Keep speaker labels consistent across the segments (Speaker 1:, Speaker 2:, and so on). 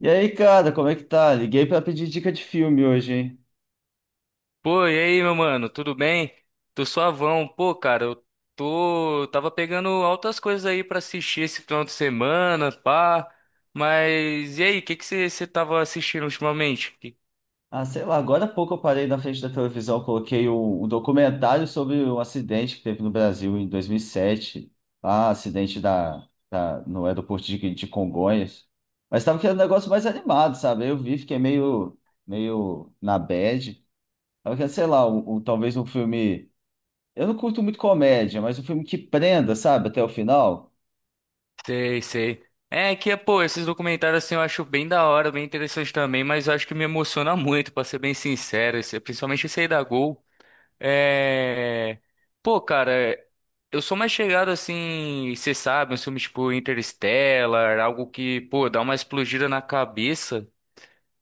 Speaker 1: E aí, cara, como é que tá? Liguei pra pedir dica de filme hoje, hein?
Speaker 2: Pô, e aí, meu mano, tudo bem? Tô suavão. Pô, cara, eu tô. Tava pegando altas coisas aí pra assistir esse final de semana, pá. Mas e aí, o que que você tava assistindo ultimamente?
Speaker 1: Ah, sei lá, agora há pouco eu parei na frente da televisão, coloquei um documentário sobre um acidente que teve no Brasil em 2007. Ah, acidente no aeroporto de Congonhas. Mas tava querendo um negócio mais animado, sabe? Aí eu vi, fiquei meio na bad. Tava querendo, sei lá, talvez um filme. Eu não curto muito comédia, mas um filme que prenda, sabe, até o final.
Speaker 2: Sei, sei. É que, pô, esses documentários assim eu acho bem da hora, bem interessante também, mas eu acho que me emociona muito, pra ser bem sincero, principalmente esse aí da Gol. É... Pô, cara, eu sou mais chegado assim, você sabe, uns filmes tipo Interstellar, algo que, pô, dá uma explodida na cabeça.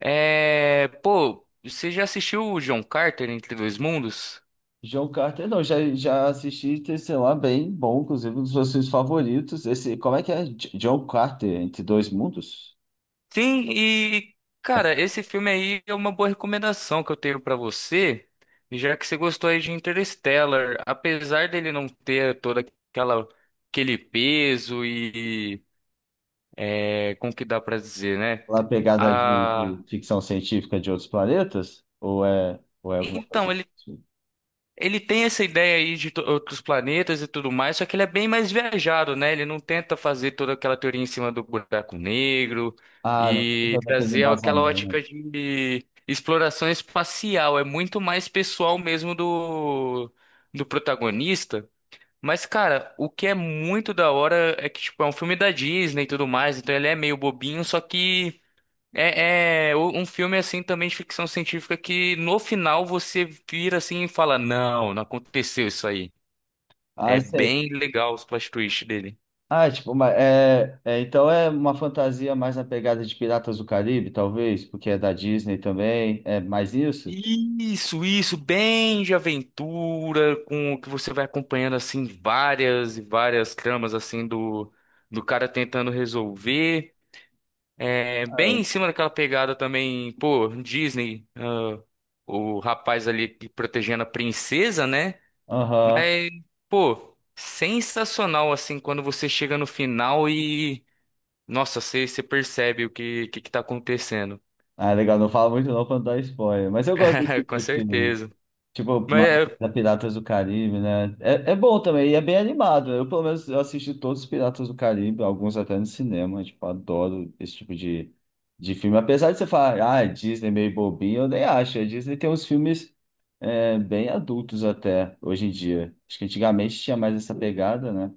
Speaker 2: Pô, você já assistiu o John Carter Entre Dois Mundos?
Speaker 1: John Carter, não, já assisti, tem, sei lá, bem bom, inclusive um dos meus filmes favoritos. Esse, como é que é? John Carter, Entre Dois Mundos?
Speaker 2: Sim, e, cara, esse filme aí é uma boa recomendação que eu tenho pra você, já que você gostou aí de Interstellar, apesar dele não ter toda aquela... aquele peso e como que dá pra dizer, né?
Speaker 1: Lá a pegada de ficção científica de outros planetas? Ou é alguma coisa
Speaker 2: Então, ele,
Speaker 1: assim?
Speaker 2: ele tem essa ideia aí de outros planetas e tudo mais, só que ele é bem mais viajado, né? Ele não tenta fazer toda aquela teoria em cima do buraco negro
Speaker 1: Ah, não,
Speaker 2: e
Speaker 1: também tem
Speaker 2: trazer aquela
Speaker 1: embasamento.
Speaker 2: ótica de exploração espacial. É muito mais pessoal mesmo do protagonista. Mas, cara, o que é muito da hora é que, tipo, é um filme da Disney e tudo mais, então ele é meio bobinho, só que. É um filme assim também de ficção científica que no final você vira assim e fala: Não, não aconteceu isso aí.
Speaker 1: Ah,
Speaker 2: É
Speaker 1: sei.
Speaker 2: bem legal os plot twists dele.
Speaker 1: Ah, é tipo, então é uma fantasia mais na pegada de Piratas do Caribe, talvez, porque é da Disney também. É mais isso?
Speaker 2: Isso, bem de aventura, com o que você vai acompanhando assim várias e várias tramas assim do cara tentando resolver. É,
Speaker 1: Ah,
Speaker 2: bem
Speaker 1: é.
Speaker 2: em cima daquela pegada também, pô, Disney, ah, o rapaz ali que protegendo a princesa, né?
Speaker 1: Aham.
Speaker 2: Mas, pô, sensacional assim quando você chega no final e, nossa, você percebe que tá acontecendo.
Speaker 1: Ah, legal, não fala muito não pra não dar spoiler, mas eu gosto desse tipo
Speaker 2: Com
Speaker 1: de filme.
Speaker 2: certeza.
Speaker 1: Tipo,
Speaker 2: Mas é,
Speaker 1: da Piratas do Caribe, né? É, é bom também, e é bem animado. Eu, pelo menos, eu assisti todos os Piratas do Caribe, alguns até no cinema. Tipo, adoro esse tipo de filme. Apesar de você falar, ah, Disney é meio bobinho, eu nem acho. A Disney tem uns filmes é, bem adultos até, hoje em dia. Acho que antigamente tinha mais essa pegada, né?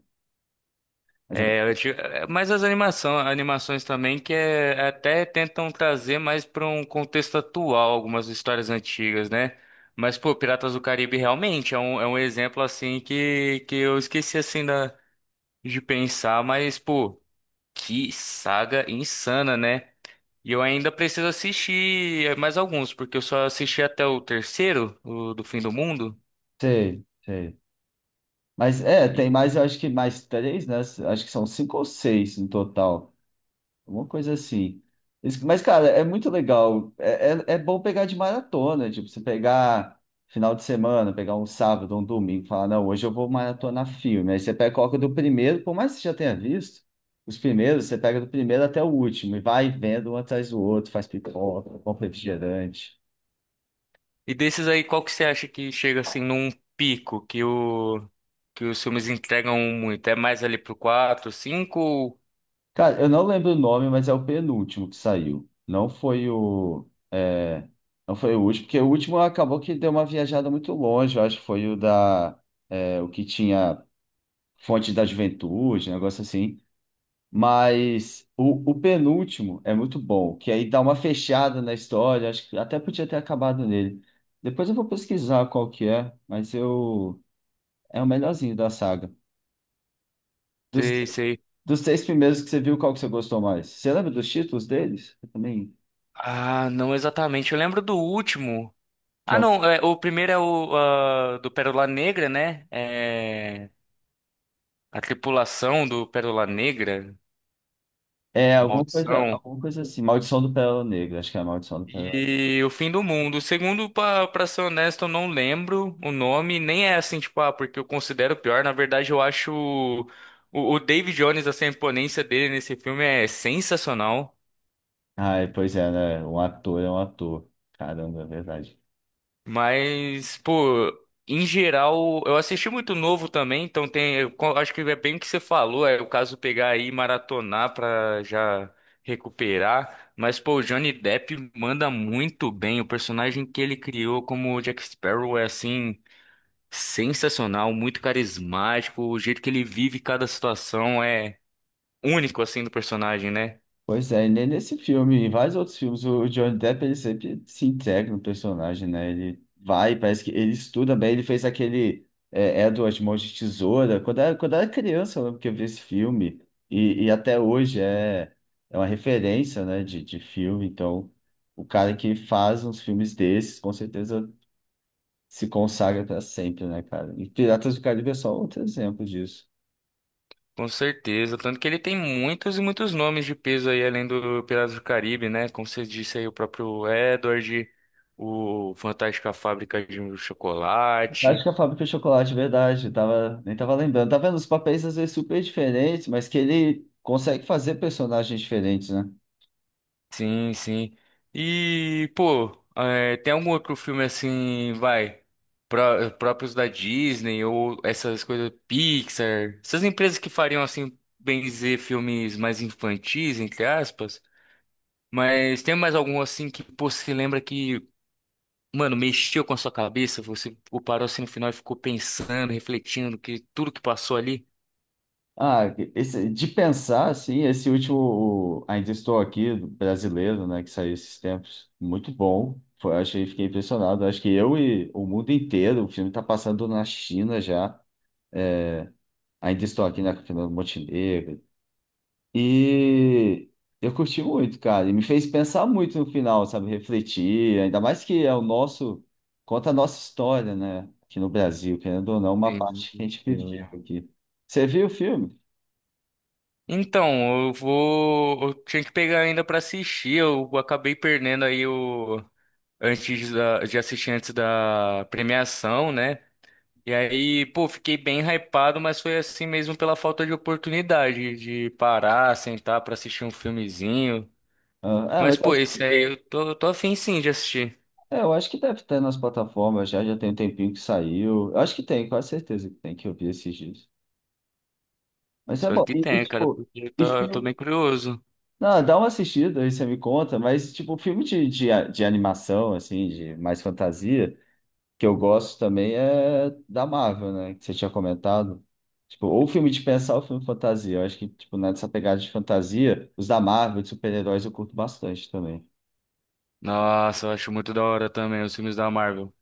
Speaker 1: Mas agora.
Speaker 2: mas as animações também que é, até tentam trazer mais para um contexto atual algumas histórias antigas, né? Mas, pô, Piratas do Caribe realmente é um exemplo assim que eu esqueci assim de pensar, mas, pô, que saga insana, né? E eu ainda preciso assistir mais alguns, porque eu só assisti até o terceiro, o do Fim do Mundo.
Speaker 1: Sei, sei. Mas é,
Speaker 2: E,
Speaker 1: tem mais, eu acho que mais três, né? Acho que são cinco ou seis no total. Uma coisa assim. Isso. Mas, cara, é muito legal. É bom pegar de maratona, tipo, você pegar final de semana, pegar um sábado, um domingo, falar, não, hoje eu vou maratonar filme. Aí você pega, coloca do primeiro, por mais que você já tenha visto, os primeiros, você pega do primeiro até o último e vai vendo um atrás do outro, faz pipoca, compra refrigerante.
Speaker 2: e desses aí, qual que você acha que chega assim num pico que o que os filmes entregam um muito? É mais ali pro quatro cinco.
Speaker 1: Cara, eu não lembro o nome, mas é o penúltimo que saiu. Não foi o. Não foi o último, porque o último acabou que deu uma viajada muito longe, eu acho que foi o da. É, o que tinha Fonte da Juventude, um negócio assim. Mas o penúltimo é muito bom, que aí dá uma fechada na história, acho que até podia ter acabado nele. Depois eu vou pesquisar qual que é, mas eu. É o melhorzinho da saga.
Speaker 2: Sei, sei.
Speaker 1: Dos três primeiros que você viu, qual que você gostou mais? Você lembra dos títulos deles? Eu também.
Speaker 2: Ah, não exatamente. Eu lembro do último.
Speaker 1: Que
Speaker 2: Ah,
Speaker 1: é, o-
Speaker 2: não, é, o primeiro é do Pérola Negra, né? A tripulação do Pérola Negra,
Speaker 1: é,
Speaker 2: Maldição.
Speaker 1: alguma coisa assim. Maldição do Pérola Negra, acho que é a Maldição do Pérola Negra.
Speaker 2: E o Fim do Mundo. O segundo, pra ser honesto, eu não lembro o nome. Nem é assim, tipo, ah, porque eu considero pior. Na verdade, eu acho o David Jones, assim, a imponência dele nesse filme é sensacional.
Speaker 1: Ai, pois é, né? Um ator é um ator. Caramba, é verdade.
Speaker 2: Mas, pô, em geral, eu assisti muito novo também, então acho que é bem o que você falou. É o caso pegar aí e maratonar pra já recuperar. Mas, pô, o Johnny Depp manda muito bem. O personagem que ele criou como Jack Sparrow é assim. Sensacional, muito carismático, o jeito que ele vive cada situação é único assim do personagem, né?
Speaker 1: Pois é, e nem nesse filme, em vários outros filmes, o Johnny Depp ele sempre se integra no personagem, né? Ele vai, parece que ele estuda bem, ele fez aquele é, Edward Mãos de Tesoura, quando era criança, eu lembro que eu vi esse filme, e até hoje é, é uma referência, né, de filme, então o cara que faz uns filmes desses, com certeza se consagra para sempre, né, cara? E Piratas do Caribe é só outro exemplo disso.
Speaker 2: Com certeza, tanto que ele tem muitos e muitos nomes de peso aí além do Piratas do Caribe, né? Como você disse aí, o próprio Edward, o Fantástica Fábrica de
Speaker 1: Acho que
Speaker 2: Chocolate.
Speaker 1: a fábrica de chocolate, verdade, tava, nem tava lembrando. Tá vendo? Os papéis às vezes super diferentes, mas que ele consegue fazer personagens diferentes, né?
Speaker 2: Sim, sim. E, pô, é, tem algum outro filme assim, vai, próprios da Disney ou essas coisas Pixar, essas empresas que fariam assim, bem dizer, filmes mais infantis, entre aspas, mas tem mais algum assim que pô, você lembra que, mano, mexeu com a sua cabeça, você pô, parou assim no final e ficou pensando, refletindo que tudo que passou ali?
Speaker 1: Ah, esse- de pensar, assim, esse último o Ainda Estou Aqui, do brasileiro, né, que saiu esses tempos, muito bom. Foi, achei, fiquei impressionado. Acho que eu e o mundo inteiro, o filme está passando na China já. É, Ainda Estou Aqui na Fernando Montenegro, e eu curti muito, cara. E me fez pensar muito no final, sabe? Refletir, ainda mais que é o nosso, conta a nossa história, né? Aqui no Brasil, querendo ou não, uma
Speaker 2: Sim,
Speaker 1: parte que a gente viveu
Speaker 2: sim.
Speaker 1: aqui. Você viu o filme?
Speaker 2: Então, eu vou. Eu tinha que pegar ainda pra assistir. Eu acabei perdendo aí o. Antes de assistir antes da premiação, né? E aí, pô, fiquei bem hypado, mas foi assim mesmo pela falta de oportunidade de parar, sentar pra assistir um filmezinho.
Speaker 1: Ah, ah,
Speaker 2: Mas,
Speaker 1: mas
Speaker 2: pô,
Speaker 1: acho
Speaker 2: esse
Speaker 1: que,
Speaker 2: aí eu tô afim sim de assistir.
Speaker 1: é, eu acho que deve ter nas plataformas já, já tem um tempinho que saiu. Eu acho que tem, quase certeza que tem, que eu vi esses dias. Mas é
Speaker 2: Espero
Speaker 1: bom.
Speaker 2: que tenha, cara,
Speaker 1: Tipo,
Speaker 2: porque eu
Speaker 1: e
Speaker 2: tô, eu tô
Speaker 1: filme.
Speaker 2: bem curioso.
Speaker 1: Não, dá uma assistida aí você me conta, mas tipo, filme de animação, assim, de mais fantasia que eu gosto também é da Marvel, né? Que você tinha comentado. Tipo, ou filme de pensar ou filme de fantasia. Eu acho que, tipo, né, nessa pegada de fantasia, os da Marvel, de super-heróis, eu curto bastante também.
Speaker 2: Nossa, eu acho muito da hora também os filmes da Marvel.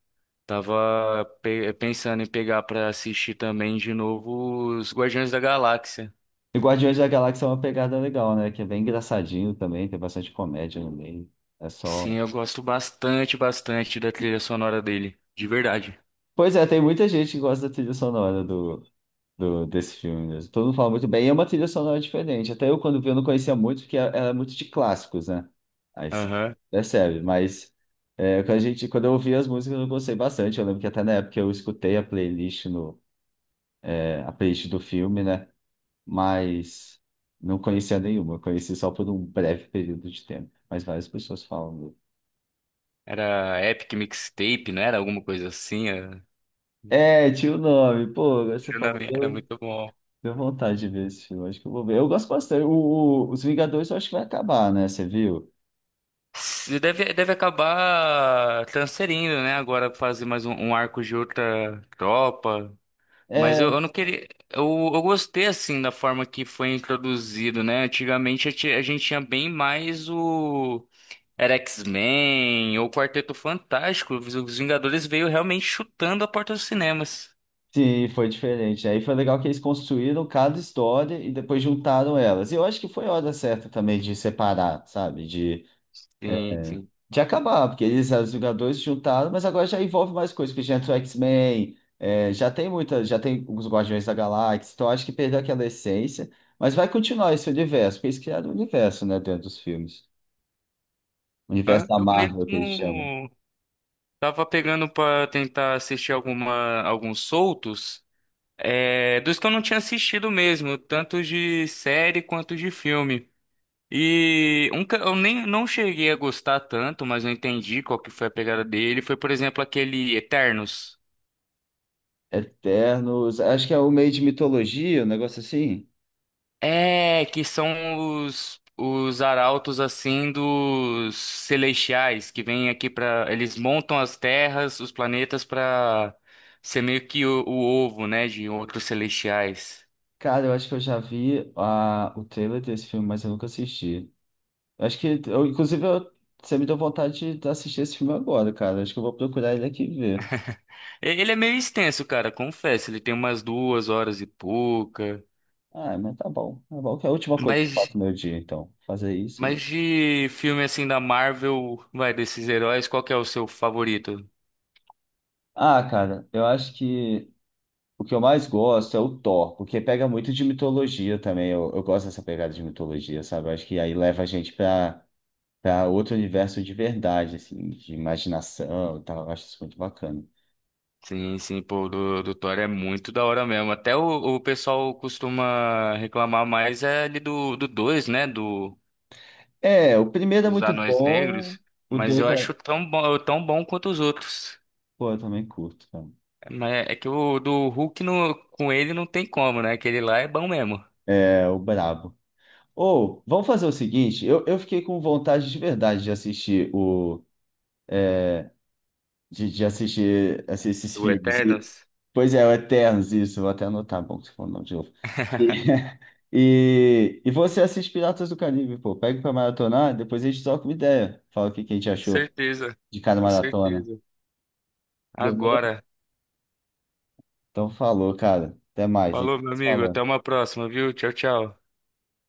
Speaker 2: Tava pensando em pegar pra assistir também de novo os Guardiões da Galáxia.
Speaker 1: E Guardiões da Galáxia é uma pegada legal, né? Que é bem engraçadinho também, tem bastante comédia no meio. É só.
Speaker 2: Sim, eu gosto bastante, bastante da trilha sonora dele, de verdade.
Speaker 1: Pois é, tem muita gente que gosta da trilha sonora do, do- desse filme mesmo. Todo mundo fala muito bem. E é uma trilha sonora diferente. Até eu, quando vi, eu não conhecia muito, porque ela é muito de clássicos, né? Aí você
Speaker 2: Aham.
Speaker 1: percebe. Mas é, quando a gente, quando eu ouvi as músicas, eu gostei bastante. Eu lembro que até na época eu escutei a playlist, no, é, a playlist do filme, né? Mas não conhecia nenhuma. Eu conheci só por um breve período de tempo. Mas várias pessoas falam.
Speaker 2: Era Epic Mixtape, não era alguma coisa assim? Era,
Speaker 1: É, tinha o nome. Pô, agora você falou,
Speaker 2: era muito bom.
Speaker 1: deu vontade de ver esse filme. Acho que eu vou ver. Eu gosto bastante. Os Vingadores eu acho que vai acabar, né? Você viu?
Speaker 2: Se Deve acabar transferindo, né? Agora fazer mais um arco de outra tropa. Mas
Speaker 1: É,
Speaker 2: eu não queria. Eu gostei assim da forma que foi introduzido, né? Antigamente a gente tinha bem mais o. Era X-Men ou Quarteto Fantástico. Os Vingadores veio realmente chutando a porta dos cinemas.
Speaker 1: sim, foi diferente. Aí foi legal que eles construíram cada história e depois juntaram elas. E eu acho que foi a hora certa também de separar, sabe?
Speaker 2: Sim, sim.
Speaker 1: De acabar, porque eles, os Vingadores, se juntaram, mas agora já envolve mais coisas, porque já entrou X-Men, é, já tem muita, já tem os Guardiões da Galáxia, então eu acho que perdeu aquela essência, mas vai continuar esse universo, porque eles criaram o universo, né, dentro dos filmes. O universo
Speaker 2: Hã?
Speaker 1: da
Speaker 2: Eu
Speaker 1: Marvel, que eles chamam.
Speaker 2: mesmo tava pegando pra tentar assistir alguns soltos, dos que eu não tinha assistido mesmo, tanto de série quanto de filme. E um que eu nem não cheguei a gostar tanto, mas eu entendi qual que foi a pegada dele. Foi, por exemplo, aquele Eternos.
Speaker 1: Eternos, acho que é o meio de mitologia, um negócio assim.
Speaker 2: É, que são os arautos assim dos celestiais que vêm aqui. Pra. Eles montam as terras, os planetas pra ser meio que o ovo, né, de outros celestiais.
Speaker 1: Cara, eu acho que eu já vi a, o trailer desse filme, mas eu nunca assisti. Eu acho que, eu, inclusive, eu- você me deu vontade de assistir esse filme agora, cara. Acho que eu vou procurar ele aqui e ver.
Speaker 2: Ele é meio extenso, cara, confesso, ele tem umas 2 horas e pouca.
Speaker 1: Ah, mas tá bom. Tá bom, que é a última coisa que eu faço
Speaker 2: Mas.
Speaker 1: no meu dia, então. Fazer isso aí.
Speaker 2: Mas de filme assim da Marvel, vai, desses heróis, qual que é o seu favorito?
Speaker 1: Ah, cara, eu acho que o que eu mais gosto é o Thor, porque pega muito de mitologia também. Eu gosto dessa pegada de mitologia, sabe? Eu acho que aí leva a gente pra outro universo de verdade, assim, de imaginação e tal. Eu acho isso muito bacana.
Speaker 2: Sim, sim, pô, do Thor é muito da hora mesmo. Até o pessoal costuma reclamar mais é ali do 2, né?
Speaker 1: É, o primeiro é
Speaker 2: Dos
Speaker 1: muito
Speaker 2: Anões
Speaker 1: bom,
Speaker 2: Negros.
Speaker 1: o
Speaker 2: Mas
Speaker 1: dois
Speaker 2: eu acho
Speaker 1: é.
Speaker 2: tão bom quanto os outros.
Speaker 1: Pô, eu também curto, cara.
Speaker 2: Mas é que o do Hulk com ele não tem como, né? Aquele lá é bom mesmo.
Speaker 1: É o brabo. Ou, vamos fazer o seguinte, eu fiquei com vontade de verdade de assistir o. Esses
Speaker 2: Do
Speaker 1: filmes. E-
Speaker 2: Eternos?
Speaker 1: pois é, o Eternos, isso, vou até anotar, bom, que você falou o nome de novo. E, e você assiste Piratas do Caribe, pô, pega pra maratonar, depois a gente troca uma ideia. Fala o que a gente
Speaker 2: Com
Speaker 1: achou
Speaker 2: certeza,
Speaker 1: de cada
Speaker 2: com
Speaker 1: maratona.
Speaker 2: certeza.
Speaker 1: Demorou?
Speaker 2: Agora.
Speaker 1: Então falou, cara. Até mais, a gente
Speaker 2: Falou, meu
Speaker 1: se
Speaker 2: amigo. Até
Speaker 1: falando.
Speaker 2: uma próxima, viu? Tchau, tchau.